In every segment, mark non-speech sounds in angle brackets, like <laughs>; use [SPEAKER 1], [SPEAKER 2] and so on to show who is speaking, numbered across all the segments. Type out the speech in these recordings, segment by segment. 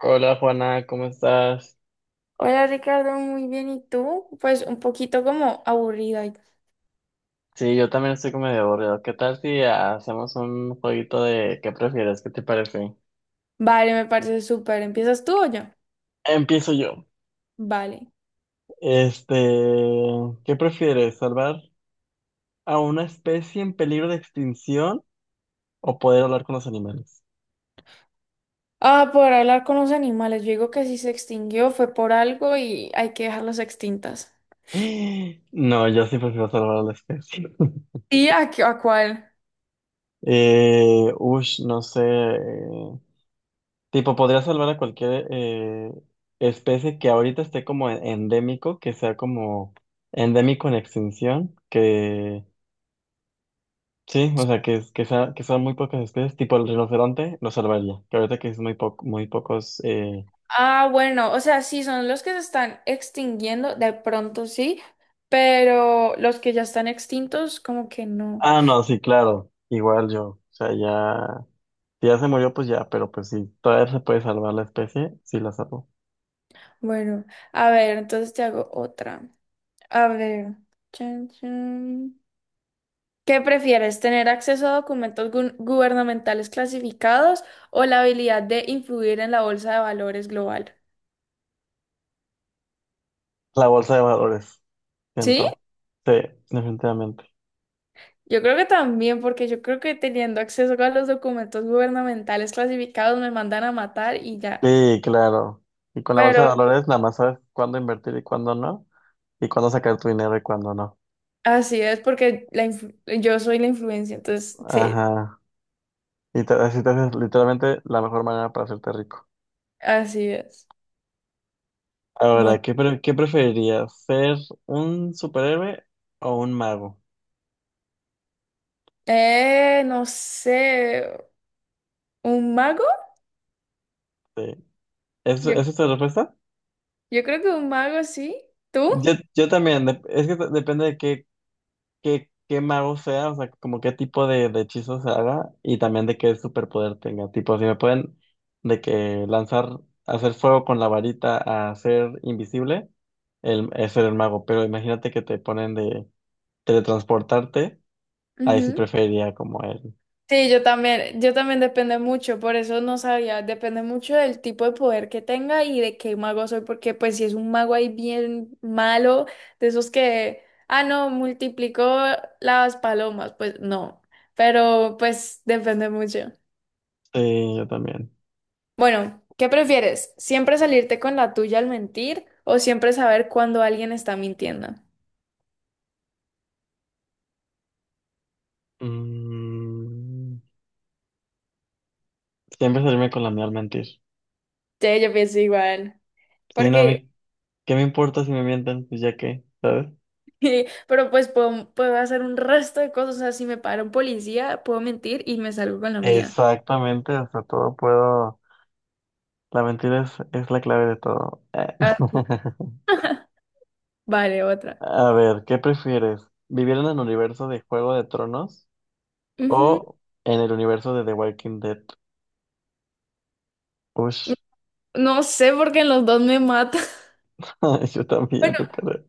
[SPEAKER 1] Hola Juana, ¿cómo estás?
[SPEAKER 2] Hola Ricardo, muy bien. ¿Y tú? Pues un poquito como aburrido hoy.
[SPEAKER 1] Sí, yo también estoy como medio aburrido. ¿Qué tal si hacemos un jueguito de qué prefieres? ¿Qué te parece?
[SPEAKER 2] Vale, me parece súper. ¿Empiezas tú o yo?
[SPEAKER 1] Empiezo yo.
[SPEAKER 2] Vale.
[SPEAKER 1] Este, ¿Qué prefieres? ¿Salvar a una especie en peligro de extinción o poder hablar con los animales?
[SPEAKER 2] Ah, por hablar con los animales. Yo digo que si se extinguió fue por algo y hay que dejarlos extintas.
[SPEAKER 1] <gasps> No, yo sí prefiero salvar a la especie. <laughs>
[SPEAKER 2] ¿Y a, qué- a cuál?
[SPEAKER 1] No sé. Tipo, podría salvar a cualquier especie que ahorita esté como endémico, que sea como endémico en extinción, que sí, o sea, que, es- que, sea, que sean muy pocas especies, tipo el rinoceronte, lo salvaría, que ahorita que es muy, muy pocos...
[SPEAKER 2] Ah, bueno, o sea, sí, son los que se están extinguiendo, de pronto sí, pero los que ya están extintos, como que no.
[SPEAKER 1] Ah, no, sí, claro, igual yo, o sea, ya, si ya se murió, pues ya, pero pues si todavía se puede salvar la especie, sí la salvo.
[SPEAKER 2] Bueno, a ver, entonces te hago otra. A ver. Chan, chan. ¿Qué prefieres, tener acceso a documentos gu- gubernamentales clasificados o la habilidad de influir en la bolsa de valores global?
[SPEAKER 1] La bolsa de valores,
[SPEAKER 2] ¿Sí?
[SPEAKER 1] siento, sí, definitivamente.
[SPEAKER 2] Yo creo que también, porque yo creo que teniendo acceso a los documentos gubernamentales clasificados me mandan a matar y ya.
[SPEAKER 1] Sí, claro. Y con la bolsa de
[SPEAKER 2] Pero
[SPEAKER 1] valores nada más sabes cuándo invertir y cuándo no, y cuándo sacar tu dinero y cuándo no.
[SPEAKER 2] así es, porque la influ- yo soy la influencia, entonces sí,
[SPEAKER 1] Ajá. Y te, así te haces literalmente la mejor manera para hacerte rico.
[SPEAKER 2] así es.
[SPEAKER 1] Ahora,
[SPEAKER 2] Bueno,
[SPEAKER 1] ¿qué preferirías? ¿Ser un superhéroe o un mago?
[SPEAKER 2] no sé, ¿un mago?
[SPEAKER 1] Sí. ¿Es,
[SPEAKER 2] Yo,
[SPEAKER 1] es esta tu respuesta?
[SPEAKER 2] yo creo que un mago, sí. ¿Tú?
[SPEAKER 1] Yo también, es que depende de qué mago sea, o sea, como qué tipo de hechizos haga y también de qué superpoder tenga. Tipo, si me pueden de que lanzar, hacer fuego con la varita a ser invisible, el, es ser el mago. Pero imagínate que te ponen de teletransportarte, ahí sí preferiría como él.
[SPEAKER 2] Sí, yo también depende mucho, por eso no sabía, depende mucho del tipo de poder que tenga y de qué mago soy, porque pues si es un mago ahí bien malo, de esos que, ah, no, multiplicó las palomas, pues no, pero pues depende mucho.
[SPEAKER 1] Sí, yo también.
[SPEAKER 2] Bueno, ¿qué prefieres? ¿Siempre salirte con la tuya al mentir o siempre saber cuándo alguien está mintiendo?
[SPEAKER 1] Mm, siempre salirme con la mía al mentir.
[SPEAKER 2] Sí, yo pienso igual,
[SPEAKER 1] Sí, no, a
[SPEAKER 2] porque
[SPEAKER 1] mí, ¿qué me importa si me mienten? Pues ya qué, ¿sabes?
[SPEAKER 2] <laughs> Pero pues puedo hacer un resto de cosas. O sea, si me para un policía, puedo mentir y me salgo con la mía.
[SPEAKER 1] Exactamente, o sea, todo puedo. La mentira es la clave de todo.
[SPEAKER 2] Ah, sí.
[SPEAKER 1] <laughs>
[SPEAKER 2] Vale, otra.
[SPEAKER 1] A ver, ¿qué prefieres? ¿Vivir en el universo de Juego de Tronos
[SPEAKER 2] Ujú.
[SPEAKER 1] o en el universo de The Walking Dead? Ush,
[SPEAKER 2] No sé porque en los dos me matan. <laughs>
[SPEAKER 1] <laughs> yo también,
[SPEAKER 2] Bueno,
[SPEAKER 1] yo creo.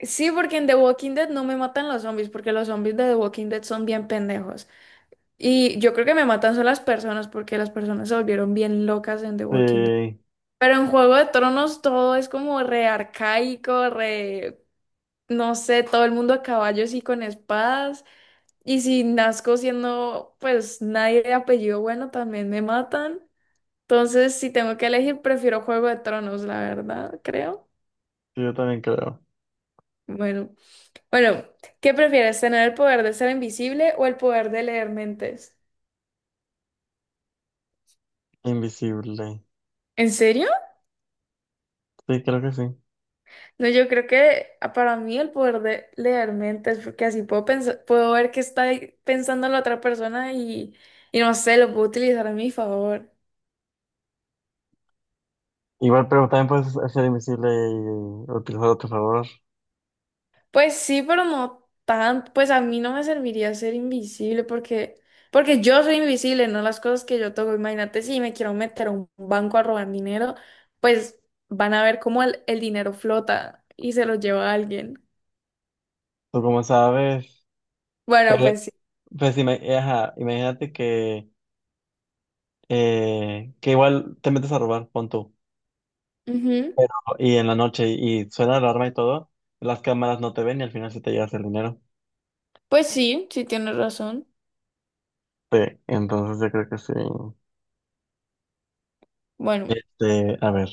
[SPEAKER 2] sí, porque en The Walking Dead no me matan los zombies, porque los zombies de The Walking Dead son bien pendejos. Y yo creo que me matan son las personas, porque las personas se volvieron bien locas en The Walking Dead.
[SPEAKER 1] Sí,
[SPEAKER 2] Pero en Juego de Tronos todo es como re arcaico, re... no sé, todo el mundo a caballos y con espadas. Y si nazco siendo pues nadie de apellido bueno, también me matan. Entonces, si tengo que elegir, prefiero Juego de Tronos, la verdad, creo.
[SPEAKER 1] sí, yo también creo.
[SPEAKER 2] Bueno, bueno, ¿qué prefieres? ¿Tener el poder de ser invisible o el poder de leer mentes?
[SPEAKER 1] Invisible.
[SPEAKER 2] ¿En serio?
[SPEAKER 1] Sí, creo que sí.
[SPEAKER 2] No, yo creo que ah, para mí el poder de leer mentes, porque así puedo pensar, puedo ver qué está ahí pensando la otra persona y no sé, lo puedo utilizar a mi favor.
[SPEAKER 1] Igual, pero también puedes ser invisible y utilizarlo a tu favor.
[SPEAKER 2] Pues sí, pero no tan, pues a mí no me serviría ser invisible porque, porque yo soy invisible, no las cosas que yo toco. Imagínate si me quiero meter a un banco a robar dinero, pues van a ver cómo el dinero flota y se lo lleva a alguien.
[SPEAKER 1] Tú como sabes.
[SPEAKER 2] Bueno,
[SPEAKER 1] Pero,
[SPEAKER 2] pues sí.
[SPEAKER 1] pues, ajá, imagínate que igual te metes a robar, pon tú.
[SPEAKER 2] Ujú.
[SPEAKER 1] Pero, y en la noche, y suena la alarma y todo, las cámaras no te ven y al final sí te llevas el dinero.
[SPEAKER 2] Pues sí, sí tienes razón.
[SPEAKER 1] Sí, entonces yo creo que sí.
[SPEAKER 2] Bueno,
[SPEAKER 1] Este, a ver,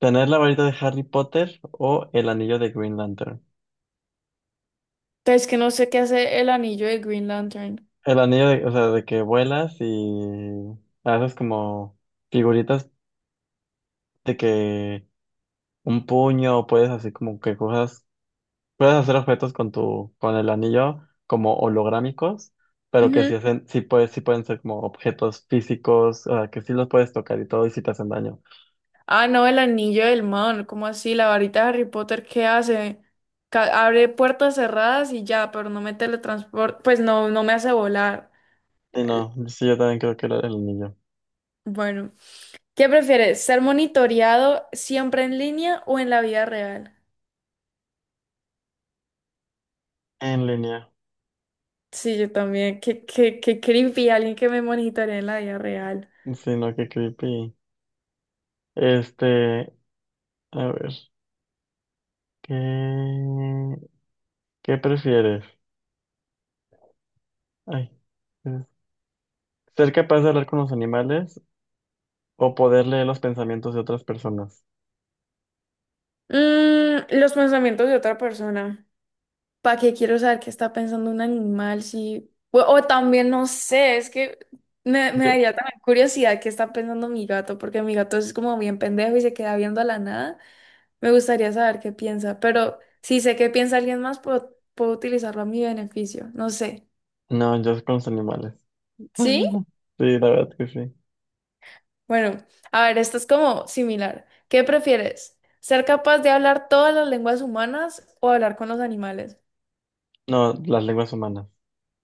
[SPEAKER 1] ¿tener la varita de Harry Potter o el anillo de Green Lantern?
[SPEAKER 2] es que no sé qué hace el anillo de Green Lantern.
[SPEAKER 1] El anillo de, o sea, de que vuelas y haces como figuritas de que un puño, puedes así como que cosas. Puedes hacer objetos con el anillo como holográmicos, pero que
[SPEAKER 2] Ujú.
[SPEAKER 1] sí hacen, sí puedes, sí pueden ser como objetos físicos, o sea, que sí los puedes tocar y todo, y sí te hacen daño.
[SPEAKER 2] Ah, no, el anillo del man, ¿cómo así? La varita de Harry Potter, ¿qué hace? Ca- abre puertas cerradas y ya, pero no me teletransporta, pues no, no me hace volar.
[SPEAKER 1] Sí,
[SPEAKER 2] El-
[SPEAKER 1] no, sí, yo también creo que era el anillo.
[SPEAKER 2] Bueno, ¿qué prefieres? ¿Ser monitoreado siempre en línea o en la vida real?
[SPEAKER 1] En línea.
[SPEAKER 2] Sí, yo también. Qué, qué, qué creepy alguien que me monitoree en la vida real.
[SPEAKER 1] Sí, no, qué creepy. Este, a ver, ¿qué, ¿qué prefieres? Ay, es- ser capaz de hablar con los animales o poder leer los pensamientos de otras personas.
[SPEAKER 2] Mm, los pensamientos de otra persona. ¿Para qué quiero saber qué está pensando un animal? Si... O, o también, no sé, es que me
[SPEAKER 1] Yo-
[SPEAKER 2] daría también curiosidad qué está pensando mi gato, porque mi gato es como bien pendejo y se queda viendo a la nada. Me gustaría saber qué piensa, pero si sé qué piensa alguien más, puedo utilizarlo a mi beneficio, no sé.
[SPEAKER 1] no, yo con los animales.
[SPEAKER 2] ¿Sí?
[SPEAKER 1] <laughs> Sí, la verdad que sí.
[SPEAKER 2] Bueno, a ver, esto es como similar. ¿Qué prefieres? ¿Ser capaz de hablar todas las lenguas humanas o hablar con los animales?
[SPEAKER 1] No, las lenguas humanas.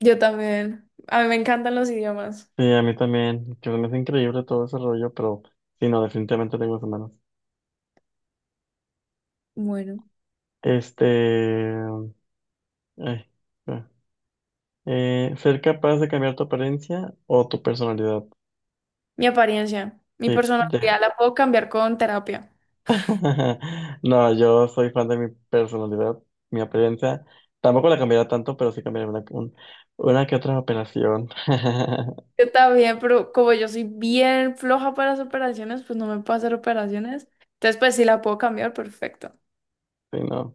[SPEAKER 2] Yo también. A mí me encantan los idiomas.
[SPEAKER 1] Sí, a mí también, que se me hace increíble todo ese rollo, pero sí, no, definitivamente lenguas humanas.
[SPEAKER 2] Bueno.
[SPEAKER 1] Este, ay, ah. Ser capaz de cambiar tu apariencia o tu personalidad.
[SPEAKER 2] Mi apariencia, mi
[SPEAKER 1] Sí,
[SPEAKER 2] personalidad la puedo cambiar con terapia.
[SPEAKER 1] <laughs> No, yo soy fan de mi personalidad, mi apariencia. Tampoco la cambiaría tanto, pero sí cambiaría una que otra operación. <laughs>
[SPEAKER 2] Yo también, pero como yo soy bien floja para las operaciones, pues no me puedo hacer operaciones. Entonces, pues sí la puedo cambiar, perfecto.
[SPEAKER 1] Sí, no,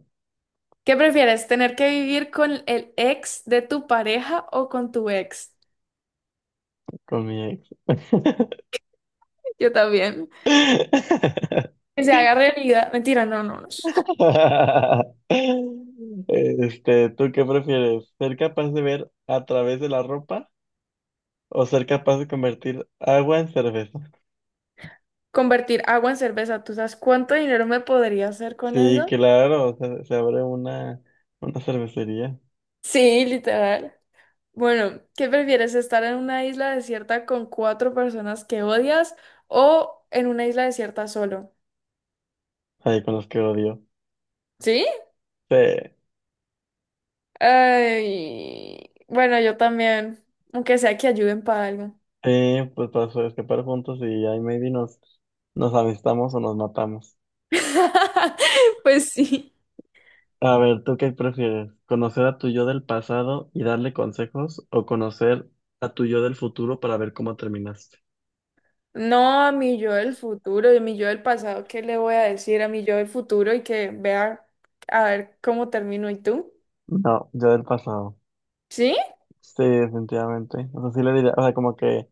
[SPEAKER 2] ¿Qué prefieres, tener que vivir con el ex de tu pareja o con tu ex?
[SPEAKER 1] con mi ex.
[SPEAKER 2] Yo también. Que se
[SPEAKER 1] <laughs>
[SPEAKER 2] haga realidad. Mentira, no, no. no.
[SPEAKER 1] <laughs> Este, ¿tú qué prefieres? ¿Ser capaz de ver a través de la ropa o ser capaz de convertir agua en cerveza?
[SPEAKER 2] Convertir agua en cerveza. ¿Tú sabes cuánto dinero me podría hacer con
[SPEAKER 1] Sí,
[SPEAKER 2] eso?
[SPEAKER 1] claro, se abre una cervecería
[SPEAKER 2] Sí, literal. Bueno, ¿qué prefieres? ¿Estar en una isla desierta con cuatro personas que odias o en una isla desierta solo?
[SPEAKER 1] ahí con los que odio.
[SPEAKER 2] ¿Sí?
[SPEAKER 1] Sí,
[SPEAKER 2] Ay, bueno, yo también, aunque sea que ayuden para algo.
[SPEAKER 1] sí, pues escapar juntos y ahí maybe nos, nos amistamos o nos matamos.
[SPEAKER 2] <laughs> Pues sí.
[SPEAKER 1] A ver, ¿tú qué prefieres? ¿Conocer a tu yo del pasado y darle consejos o conocer a tu yo del futuro para ver cómo terminaste?
[SPEAKER 2] No a mi yo del futuro, a mi yo del pasado, ¿qué le voy a decir a mi yo del futuro y que vea a ver cómo termino y tú?
[SPEAKER 1] No, yo del pasado.
[SPEAKER 2] ¿Sí?
[SPEAKER 1] Sí, definitivamente. O sea, sí le diría, o sea, como que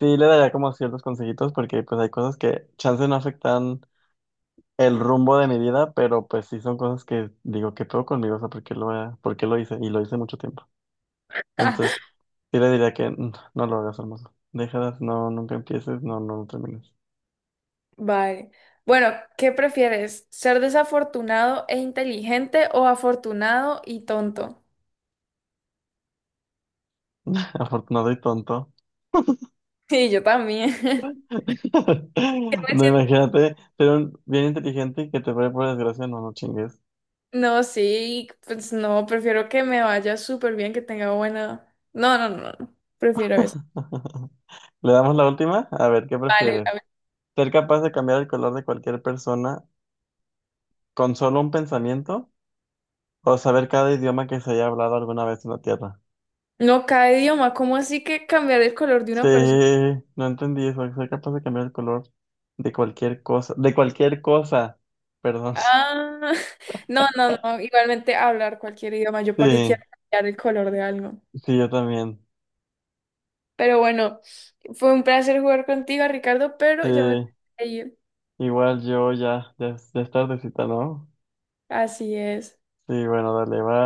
[SPEAKER 1] sí le daría como ciertos consejitos porque pues hay cosas que chance no afectan el rumbo de mi vida, pero pues sí son cosas que digo, ¿qué pedo conmigo? O sea, ¿por qué lo hice? Y lo hice mucho tiempo.
[SPEAKER 2] <laughs>
[SPEAKER 1] Entonces, sí le diría que "Mm, no lo hagas, hermoso. Déjalas, no, nunca empieces, no termines.
[SPEAKER 2] Vale. Bueno, ¿qué prefieres? ¿Ser desafortunado e inteligente o afortunado y tonto? <laughs>
[SPEAKER 1] <laughs> Afortunado y tonto.
[SPEAKER 2] Sí, yo también. <laughs> ¿Qué
[SPEAKER 1] <laughs>
[SPEAKER 2] me
[SPEAKER 1] No,
[SPEAKER 2] sien-
[SPEAKER 1] imagínate ser un bien inteligente y que te pare por desgracia, no, no chingues.
[SPEAKER 2] No, sí, pues no, prefiero que me vaya súper bien, que tenga buena... No, no, no, no, prefiero eso.
[SPEAKER 1] <laughs> ¿Le damos la última? A ver, ¿qué
[SPEAKER 2] Vale,
[SPEAKER 1] prefieres?
[SPEAKER 2] la...
[SPEAKER 1] Ser capaz de cambiar el color de cualquier persona con solo un pensamiento o saber cada idioma que se haya hablado alguna vez en la Tierra.
[SPEAKER 2] No, cada idioma, ¿cómo así que cambiar el color de
[SPEAKER 1] Sí,
[SPEAKER 2] una persona?
[SPEAKER 1] no entendí eso. Ser capaz de cambiar el color de cualquier cosa. De cualquier cosa. Perdón. <laughs>
[SPEAKER 2] Ah, <laughs> no, no, no, igualmente hablar cualquier idioma, yo para qué quiero
[SPEAKER 1] Sí,
[SPEAKER 2] cambiar el color de algo.
[SPEAKER 1] sí, yo también.
[SPEAKER 2] Pero bueno, fue un placer jugar contigo, Ricardo,
[SPEAKER 1] Sí,
[SPEAKER 2] pero ya me tengo que ir.
[SPEAKER 1] igual yo ya, ya, ya es tardecita, ¿no?
[SPEAKER 2] Así es.
[SPEAKER 1] Sí, bueno, dale, va.